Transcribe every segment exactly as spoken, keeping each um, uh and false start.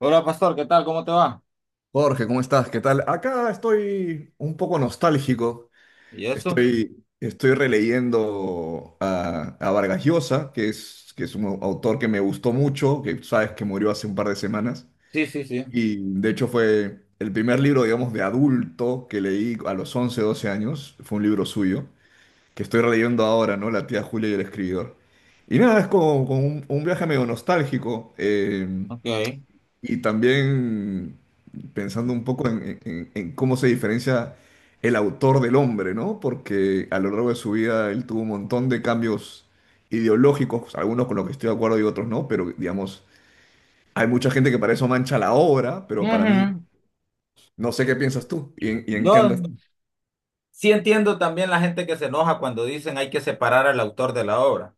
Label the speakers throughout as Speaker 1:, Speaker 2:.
Speaker 1: Hola, pastor, ¿qué tal? ¿Cómo te va?
Speaker 2: Jorge, ¿cómo estás? ¿Qué tal? Acá estoy un poco nostálgico.
Speaker 1: ¿Y eso?
Speaker 2: Estoy, estoy releyendo a, a Vargas Llosa, que es, que es un autor que me gustó mucho, que sabes que murió hace un par de semanas.
Speaker 1: Sí, sí, sí.
Speaker 2: Y de hecho fue el primer libro, digamos, de adulto que leí a los once doce años. Fue un libro suyo, que estoy releyendo ahora, ¿no? La tía Julia y el escribidor. Y nada, es como, como un, un viaje medio nostálgico. Eh,
Speaker 1: Ok.
Speaker 2: y también pensando un poco en, en- en cómo se diferencia el autor del hombre, ¿no? Porque a lo largo de su vida él tuvo un montón de cambios ideológicos, algunos con los que estoy de acuerdo y otros no, pero digamos, hay mucha gente que para eso mancha la obra, pero para mí,
Speaker 1: Ujú.
Speaker 2: no sé qué piensas tú y en, y en qué andas.
Speaker 1: No, sí entiendo también la gente que se enoja cuando dicen hay que separar al autor de la obra.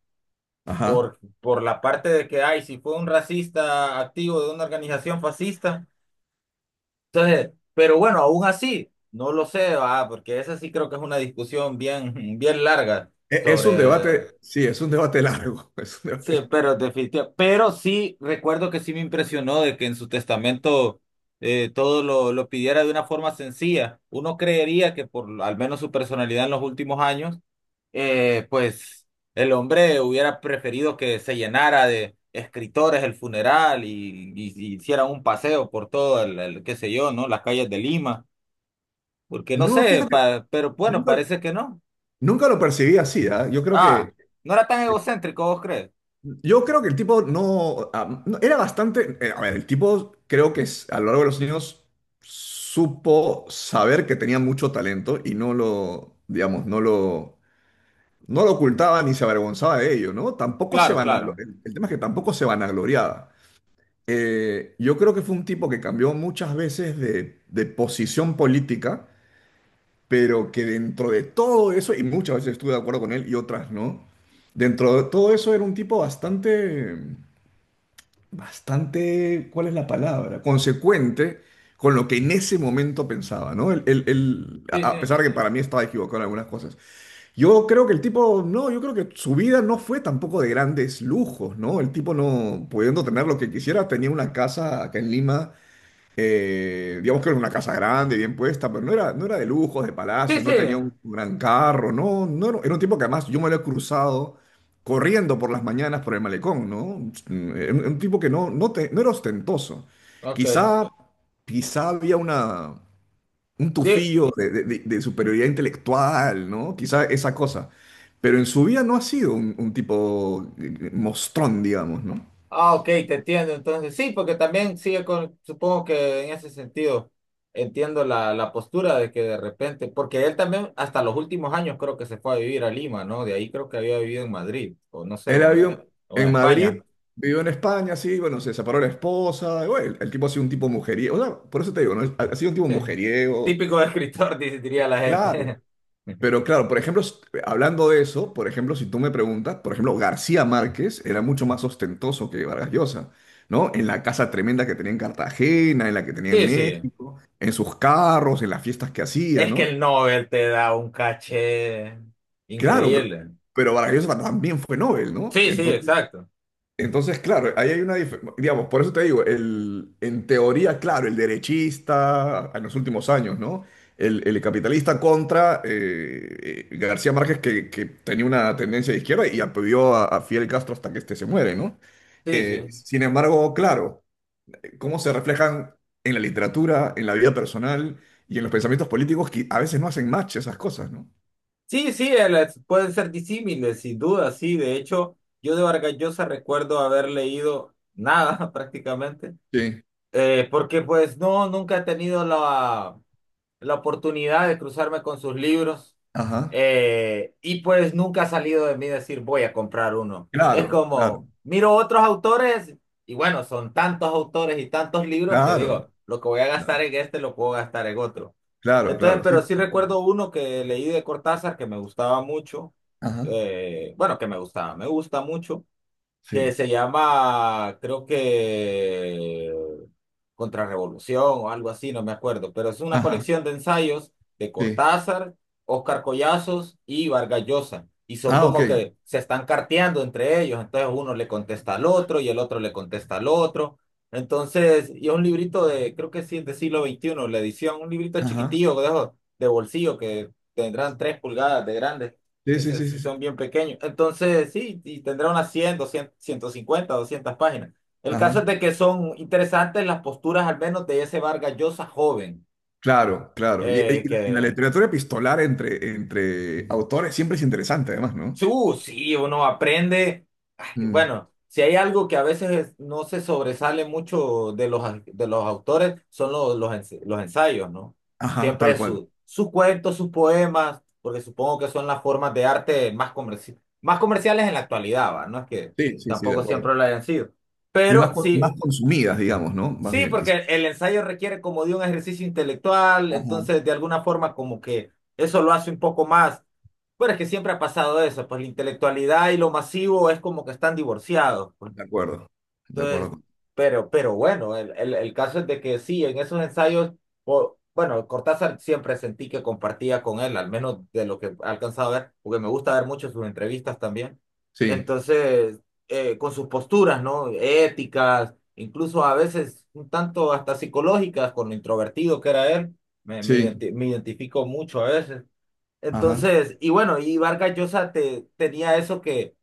Speaker 2: Ajá.
Speaker 1: Por, por la parte de que, ay, si fue un racista activo de una organización fascista. Entonces, pero bueno, aún así, no lo sé, ah, porque esa sí creo que es una discusión bien, bien larga
Speaker 2: E- Es un
Speaker 1: sobre.
Speaker 2: debate, sí, es un debate largo, es un debate
Speaker 1: Sí,
Speaker 2: largo.
Speaker 1: pero definitivamente. Pero sí, recuerdo que sí me impresionó de que en su testamento eh, todo lo, lo pidiera de una forma sencilla. Uno creería que por al menos su personalidad en los últimos años, eh, pues el hombre hubiera preferido que se llenara de escritores el funeral y, y, y hiciera un paseo por todo el, el, qué sé yo, ¿no? Las calles de Lima. Porque no
Speaker 2: No,
Speaker 1: sé,
Speaker 2: fíjate,
Speaker 1: pa- pero bueno,
Speaker 2: nunca,
Speaker 1: parece que no.
Speaker 2: nunca lo percibí así, ¿ah? Yo creo
Speaker 1: Ah,
Speaker 2: que...
Speaker 1: ¿no era tan egocéntrico, vos crees?
Speaker 2: Yo creo que el tipo no, ah, no- era bastante, eh, a ver, el tipo creo que s- a lo largo de los años supo saber que tenía mucho talento y no lo, digamos, no lo, no lo ocultaba ni se avergonzaba de ello, ¿no? Tampoco se
Speaker 1: Claro,
Speaker 2: vanaglo-
Speaker 1: claro.
Speaker 2: el, el tema es que tampoco se vanagloriaba. Eh, yo creo que fue un tipo que cambió muchas veces de, de posición política, pero que dentro de todo eso, y muchas veces estuve de acuerdo con él y otras no, dentro de todo eso era un tipo bastante bastante, ¿cuál es la palabra? Consecuente con lo que en ese momento pensaba, ¿no? El, el- el-
Speaker 1: Sí,
Speaker 2: a a
Speaker 1: sí.
Speaker 2: pesar de que para mí estaba equivocado en algunas cosas. Yo creo que el tipo, no, yo creo que su vida no fue tampoco de grandes lujos, ¿no? El tipo no, pudiendo tener lo que quisiera, tenía una casa acá en Lima. Eh, digamos que era una casa grande, bien puesta, pero no era, no era de lujos, de
Speaker 1: Sí,
Speaker 2: palacios,
Speaker 1: sí.
Speaker 2: no tenía un gran carro, no, no, era era un tipo que además yo me lo he cruzado corriendo por las mañanas por el malecón, ¿no? Mm, Era un, un tipo que no, no, te- no era ostentoso.
Speaker 1: Ok.
Speaker 2: Quizá, quizá había una, un
Speaker 1: Di-
Speaker 2: tufillo de, de- de- de superioridad intelectual, ¿no? Quizá esa cosa. Pero en su vida no ha sido un, un tipo eh, mostrón, digamos, ¿no?
Speaker 1: ah, ok, te entiendo. Entonces, sí, porque también sigue con, supongo que en ese sentido entiendo la, la postura de que de repente, porque él también hasta los últimos años creo que se fue a vivir a Lima, ¿no? De ahí creo que había vivido en Madrid, o no sé,
Speaker 2: Él
Speaker 1: o en,
Speaker 2: había
Speaker 1: o en
Speaker 2: en
Speaker 1: España.
Speaker 2: Madrid, vivió en España, sí, bueno, se separó la esposa, y bueno, el, el tipo ha sido un tipo mujeriego, o sea, por eso te digo, ¿no? Ha, ha sido un tipo
Speaker 1: Sí.
Speaker 2: mujeriego,
Speaker 1: Típico escritor, di- diría
Speaker 2: eh,
Speaker 1: la
Speaker 2: claro,
Speaker 1: gente.
Speaker 2: pero claro, por ejemplo, s- eh, hablando de eso, por ejemplo, si tú me preguntas, por ejemplo, García Márquez era mucho más ostentoso que Vargas Llosa, ¿no? En la casa tremenda que tenía en Cartagena, en la que tenía en
Speaker 1: Sí, sí.
Speaker 2: México, en sus carros, en las fiestas que hacía,
Speaker 1: Es que
Speaker 2: ¿no?
Speaker 1: el Nobel te da un caché
Speaker 2: Claro, pero,
Speaker 1: increíble.
Speaker 2: pero Vargas Llosa también fue Nobel, ¿no?
Speaker 1: Sí, sí,
Speaker 2: Entonces,
Speaker 1: exacto.
Speaker 2: Entonces, claro, ahí hay una diferencia, digamos, por eso te digo, el, en teoría, claro, el derechista en los últimos años, ¿no? El, el capitalista contra eh, eh, García Márquez, que, que tenía una tendencia de izquierda y apoyó a, a Fidel Castro hasta que este se muere, ¿no?
Speaker 1: Sí,
Speaker 2: Eh,
Speaker 1: sí.
Speaker 2: sin embargo, claro, cómo se reflejan en la literatura, en la vida personal y en los pensamientos políticos que a veces no hacen match esas cosas, ¿no?
Speaker 1: Sí, sí, el- es- pueden ser disímiles, sin duda, sí. De hecho, yo de Vargas Llosa recuerdo haber leído nada prácticamente,
Speaker 2: Sí.
Speaker 1: eh, porque pues no, nunca he tenido la la oportunidad de cruzarme con sus libros.
Speaker 2: Ajá.
Speaker 1: Eh, y pues nunca ha salido de mí decir voy a comprar uno. Es
Speaker 2: Claro, claro,
Speaker 1: como, miro otros autores y bueno, son tantos autores y tantos libros que
Speaker 2: claro,
Speaker 1: digo, lo que voy a
Speaker 2: claro,
Speaker 1: gastar en este lo puedo gastar en otro.
Speaker 2: claro,
Speaker 1: Entonces,
Speaker 2: claro, sí.
Speaker 1: pero sí recuerdo uno que leí de Cortázar que me gustaba mucho.
Speaker 2: Ajá.
Speaker 1: Eh, bueno, que me gustaba, me gusta mucho, que
Speaker 2: Sí.
Speaker 1: se llama, creo que Contrarrevolución o algo así, no me acuerdo, pero es una
Speaker 2: Ajá.
Speaker 1: colección de ensayos de
Speaker 2: Sí.
Speaker 1: Cortázar, Óscar Collazos y Vargas Llosa. Y son
Speaker 2: Ah,
Speaker 1: como
Speaker 2: OK.
Speaker 1: que se están carteando entre ellos, entonces uno le contesta al otro y el otro le contesta al otro. Entonces, y es un librito de, creo que sí, es de siglo veintiuno la edición, un librito
Speaker 2: Ajá.
Speaker 1: chiquitillo de, esos de bolsillo que tendrán tres pulgadas de grande.
Speaker 2: Sí,
Speaker 1: Es-
Speaker 2: sí, sí, sí,
Speaker 1: es-
Speaker 2: sí.
Speaker 1: son bien pequeños. Entonces, sí, y tendrá unas cien, ciento cincuenta doscientas páginas. El caso es
Speaker 2: Ajá.
Speaker 1: de que son interesantes las posturas, al menos de ese Vargas Llosa joven.
Speaker 2: Claro, claro. Y, y-
Speaker 1: Eh,
Speaker 2: y la
Speaker 1: que
Speaker 2: literatura epistolar entre, entre autores siempre es interesante, además, ¿no?
Speaker 1: Uh, sí, uno aprende. Ay,
Speaker 2: Mm.
Speaker 1: bueno, si hay algo que a veces es- no se sobresale mucho de los, au- de los autores, son los, los, ens- los ensayos, ¿no?
Speaker 2: Ajá, tal
Speaker 1: Siempre
Speaker 2: cual.
Speaker 1: su- sus cuentos, sus poemas, porque supongo que son las formas de arte más, comerci- más comerciales en la actualidad, ¿va? No es que
Speaker 2: Sí, sí, sí, de
Speaker 1: tampoco
Speaker 2: acuerdo.
Speaker 1: siempre lo hayan sido.
Speaker 2: Y
Speaker 1: Pero
Speaker 2: más, con-
Speaker 1: sí.
Speaker 2: más consumidas, digamos, ¿no? Más
Speaker 1: Sí,
Speaker 2: bien, quizás.
Speaker 1: porque el ensayo requiere como de un ejercicio intelectual,
Speaker 2: Ajá.
Speaker 1: entonces de alguna forma como que eso lo hace un poco más. Pero es que siempre ha pasado eso, pues la intelectualidad y lo masivo es como que están divorciados.
Speaker 2: De acuerdo. De acuerdo.
Speaker 1: Entonces,
Speaker 2: con-
Speaker 1: pero, pero bueno, el, el, el caso es de que sí, en esos ensayos, o- bueno, Cortázar siempre sentí que compartía con él, al menos de lo que he alcanzado a ver, porque me gusta ver mucho sus entrevistas también.
Speaker 2: Sí,
Speaker 1: Entonces, eh, con sus posturas, ¿no? Éticas, incluso a veces un tanto hasta psicológicas, con lo introvertido que era él, me, me
Speaker 2: sí.
Speaker 1: identi- me identifico mucho a veces.
Speaker 2: Ajá.
Speaker 1: Entonces, y bueno, y Vargas Llosa te, tenía eso, que,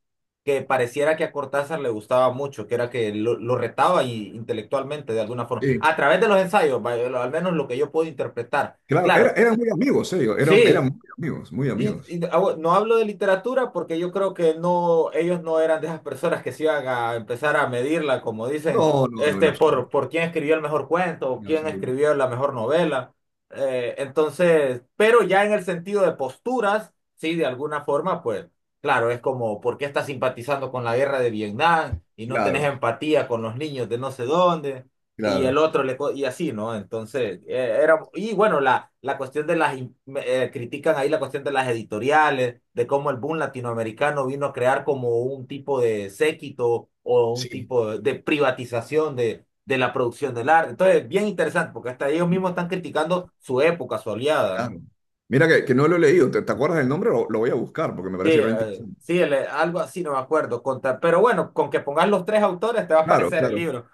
Speaker 1: que pareciera que a Cortázar le gustaba mucho, que era que lo, lo retaba y, intelectualmente de alguna forma,
Speaker 2: Sí.
Speaker 1: a través de los ensayos, vaya, lo- al menos lo que yo puedo interpretar.
Speaker 2: Claro, era-
Speaker 1: Claro,
Speaker 2: eran muy amigos, ellos. Eran, eran
Speaker 1: sí,
Speaker 2: muy amigos, muy
Speaker 1: y,
Speaker 2: amigos.
Speaker 1: y ah, bueno, no hablo de literatura porque yo creo que no, ellos no eran de esas personas que se iban a empezar a medirla, como dicen,
Speaker 2: No, no, no, en
Speaker 1: este,
Speaker 2: absoluto.
Speaker 1: por, por quién escribió el mejor cuento o
Speaker 2: En
Speaker 1: quién
Speaker 2: absoluto.
Speaker 1: escribió la mejor novela. Eh, entonces, pero ya en el sentido de posturas, sí, de alguna forma, pues, claro, es como, ¿por qué estás simpatizando con la guerra de Vietnam y no tenés
Speaker 2: Claro,
Speaker 1: empatía con los niños de no sé dónde? Y el
Speaker 2: claro.
Speaker 1: otro le co- y así, ¿no? Entonces, eh, era, y bueno, la, la cuestión de las in- eh, critican ahí la cuestión de las editoriales, de cómo el boom latinoamericano vino a crear como un tipo de séquito o un
Speaker 2: Sí.
Speaker 1: tipo de, de, privatización de, de la producción del arte. Entonces, bien interesante, porque hasta ellos mismos están criticando su época, su aliada,
Speaker 2: Claro.
Speaker 1: ¿no?
Speaker 2: Mira que, que no lo he leído. ¿Te, te acuerdas del nombre? Lo, lo voy a buscar porque me
Speaker 1: Sí,
Speaker 2: parece re
Speaker 1: eh,
Speaker 2: interesante.
Speaker 1: sí, el- eh, algo así, no me acuerdo. Contra, pero bueno, con que pongas los tres autores te va a
Speaker 2: Claro,
Speaker 1: aparecer el
Speaker 2: claro.
Speaker 1: libro.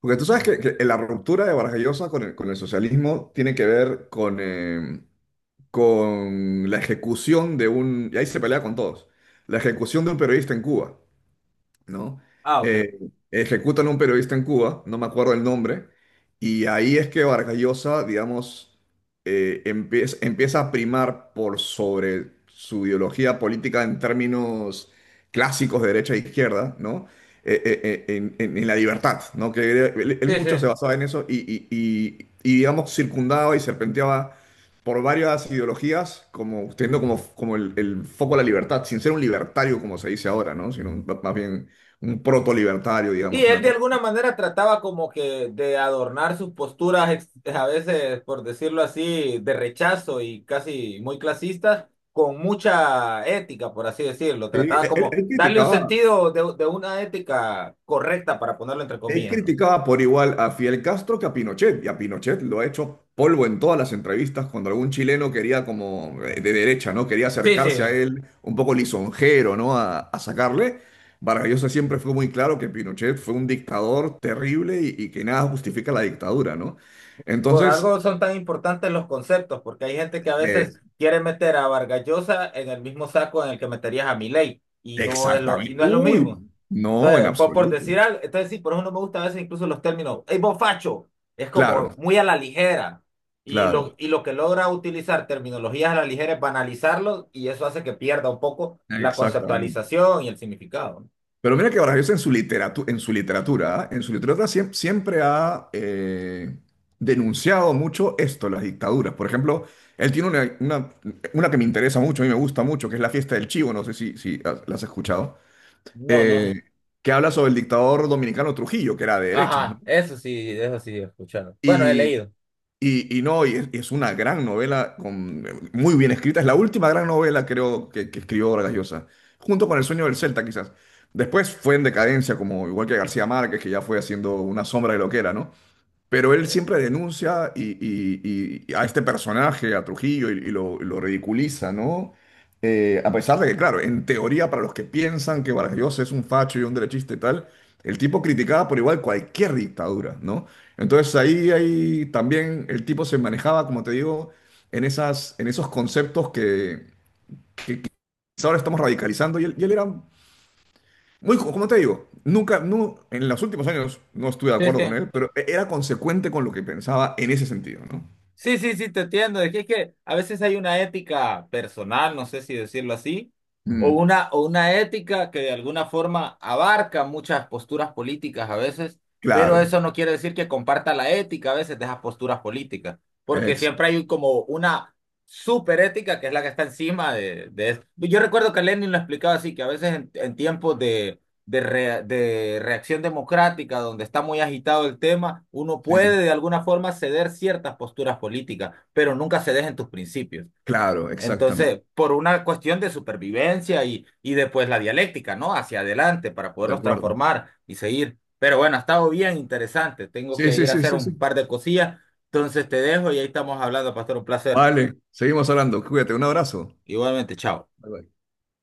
Speaker 2: Porque tú sabes
Speaker 1: No.
Speaker 2: que, que la ruptura de Vargas Llosa con el, con el socialismo tiene que ver con, eh, con la ejecución de un. Y ahí se pelea con todos. La ejecución de un periodista en Cuba, ¿no?
Speaker 1: Ah, ok.
Speaker 2: Eh, ejecutan a un periodista en Cuba, no me acuerdo el nombre, y ahí es que Vargas, digamos, eh, empieza, empieza a primar por sobre su ideología política en términos clásicos de derecha e izquierda, ¿no? Eh, eh, eh, en, en- en la libertad, ¿no? Que él, él
Speaker 1: Sí,
Speaker 2: mucho se
Speaker 1: sí.
Speaker 2: basaba en eso y, y, y- y, digamos, circundaba y serpenteaba por varias ideologías, como teniendo como, como el, el foco a la libertad, sin ser un libertario como se dice ahora, ¿no? Sino más bien un proto-libertario,
Speaker 1: Y
Speaker 2: digamos,
Speaker 1: él
Speaker 2: una
Speaker 1: de
Speaker 2: cosa.
Speaker 1: alguna manera trataba como que de adornar sus posturas, ex- a veces, por decirlo así, de rechazo y casi muy clasistas, con mucha ética, por así decirlo.
Speaker 2: Sí, él,
Speaker 1: Trataba
Speaker 2: él-
Speaker 1: como
Speaker 2: él
Speaker 1: darle un
Speaker 2: criticaba,
Speaker 1: sentido de, de una ética correcta, para ponerlo entre
Speaker 2: él
Speaker 1: comillas, ¿no?
Speaker 2: criticaba por igual a Fidel Castro que a Pinochet, y a Pinochet lo ha hecho polvo en todas las entrevistas cuando algún chileno quería como eh, de derecha, ¿no? Quería
Speaker 1: Sí, sí.
Speaker 2: acercarse a él un poco lisonjero, ¿no? A, a sacarle. Vargas Llosa siempre fue muy claro que Pinochet fue un dictador terrible y, y que nada justifica la dictadura, ¿no?
Speaker 1: Por
Speaker 2: Entonces,
Speaker 1: algo son tan importantes los conceptos, porque hay gente que a
Speaker 2: eh,
Speaker 1: veces quiere meter a Vargas Llosa en el mismo saco en el que meterías a Milei, y no es lo, y
Speaker 2: exactamente.
Speaker 1: no es lo mismo.
Speaker 2: Uy, no, en
Speaker 1: Entonces, por, por
Speaker 2: absoluto.
Speaker 1: decir algo, entonces sí, por eso no me gusta a veces incluso los términos, ¡ey, vos facho! Es
Speaker 2: Claro,
Speaker 1: como muy a la ligera. Y lo,
Speaker 2: claro,
Speaker 1: y lo que logra utilizar terminologías a la ligera es banalizarlos, y eso hace que pierda un poco la
Speaker 2: exactamente.
Speaker 1: conceptualización y el significado.
Speaker 2: Pero mira que Vargas Llosa en su literatura, en su literatura, ¿ah? En su literatura siem- siempre ha eh, denunciado mucho esto, las dictaduras. Por ejemplo, él tiene una, una, una que me interesa mucho, a mí me gusta mucho, que es La Fiesta del Chivo, no sé si, si has- la has escuchado,
Speaker 1: No, no.
Speaker 2: eh, que habla sobre el dictador dominicano Trujillo, que era de derechas, ¿no?
Speaker 1: Ajá, eso sí, eso sí, he escuchado. Bueno, he leído.
Speaker 2: Y, y no, y es, y es una gran novela, con, muy bien escrita. Es la última gran novela, creo, que, que escribió Vargas Llosa, junto con El sueño del Celta, quizás. Después fue en decadencia, como igual que García Márquez, que ya fue haciendo una sombra de lo que era, ¿no? Pero él
Speaker 1: Eh,
Speaker 2: siempre denuncia y, y- y- y a este personaje, a Trujillo, y, y lo, y lo ridiculiza, ¿no? Eh, a pesar de que, claro, en teoría, para los que piensan que Vargas Llosa es un facho y un derechista y tal, el tipo criticaba por igual cualquier dictadura, ¿no? Entonces ahí, ahí también el tipo se manejaba, como te digo, en esas, en esos conceptos que quizá ahora estamos radicalizando y él, y él era muy, co- como te digo, nunca, no, en los últimos años no estuve de
Speaker 1: Sí,
Speaker 2: acuerdo con
Speaker 1: sí.
Speaker 2: él, pero era consecuente con lo que pensaba en ese sentido, ¿no?
Speaker 1: Sí, sí, sí, te entiendo. Es que, es que a veces hay una ética personal, no sé si decirlo así, o
Speaker 2: Mm,
Speaker 1: una, o una ética que de alguna forma abarca muchas posturas políticas a veces, pero
Speaker 2: claro,
Speaker 1: eso no quiere decir que comparta la ética a veces de esas posturas políticas, porque
Speaker 2: exacto,
Speaker 1: siempre hay como una superética que es la que está encima de, de eso. Yo recuerdo que Lenin lo explicaba así, que a veces en, en tiempos de, de, rea- de reacción democrática, donde está muy agitado el tema, uno puede
Speaker 2: sí,
Speaker 1: de alguna forma ceder ciertas posturas políticas, pero nunca se dejen tus principios.
Speaker 2: claro, exactamente,
Speaker 1: Entonces, por una cuestión de supervivencia y, y después la dialéctica, ¿no? Hacia adelante para
Speaker 2: de
Speaker 1: podernos
Speaker 2: acuerdo.
Speaker 1: transformar y seguir. Pero bueno, ha estado bien interesante. Tengo
Speaker 2: Sí,
Speaker 1: que
Speaker 2: sí,
Speaker 1: ir a
Speaker 2: sí,
Speaker 1: hacer
Speaker 2: sí,
Speaker 1: un
Speaker 2: sí.
Speaker 1: par de cosillas. Entonces te dejo y ahí estamos hablando, pastor. Un placer.
Speaker 2: Vale, seguimos hablando, cuídate, un abrazo.
Speaker 1: Igualmente, chao.
Speaker 2: Bye, bye.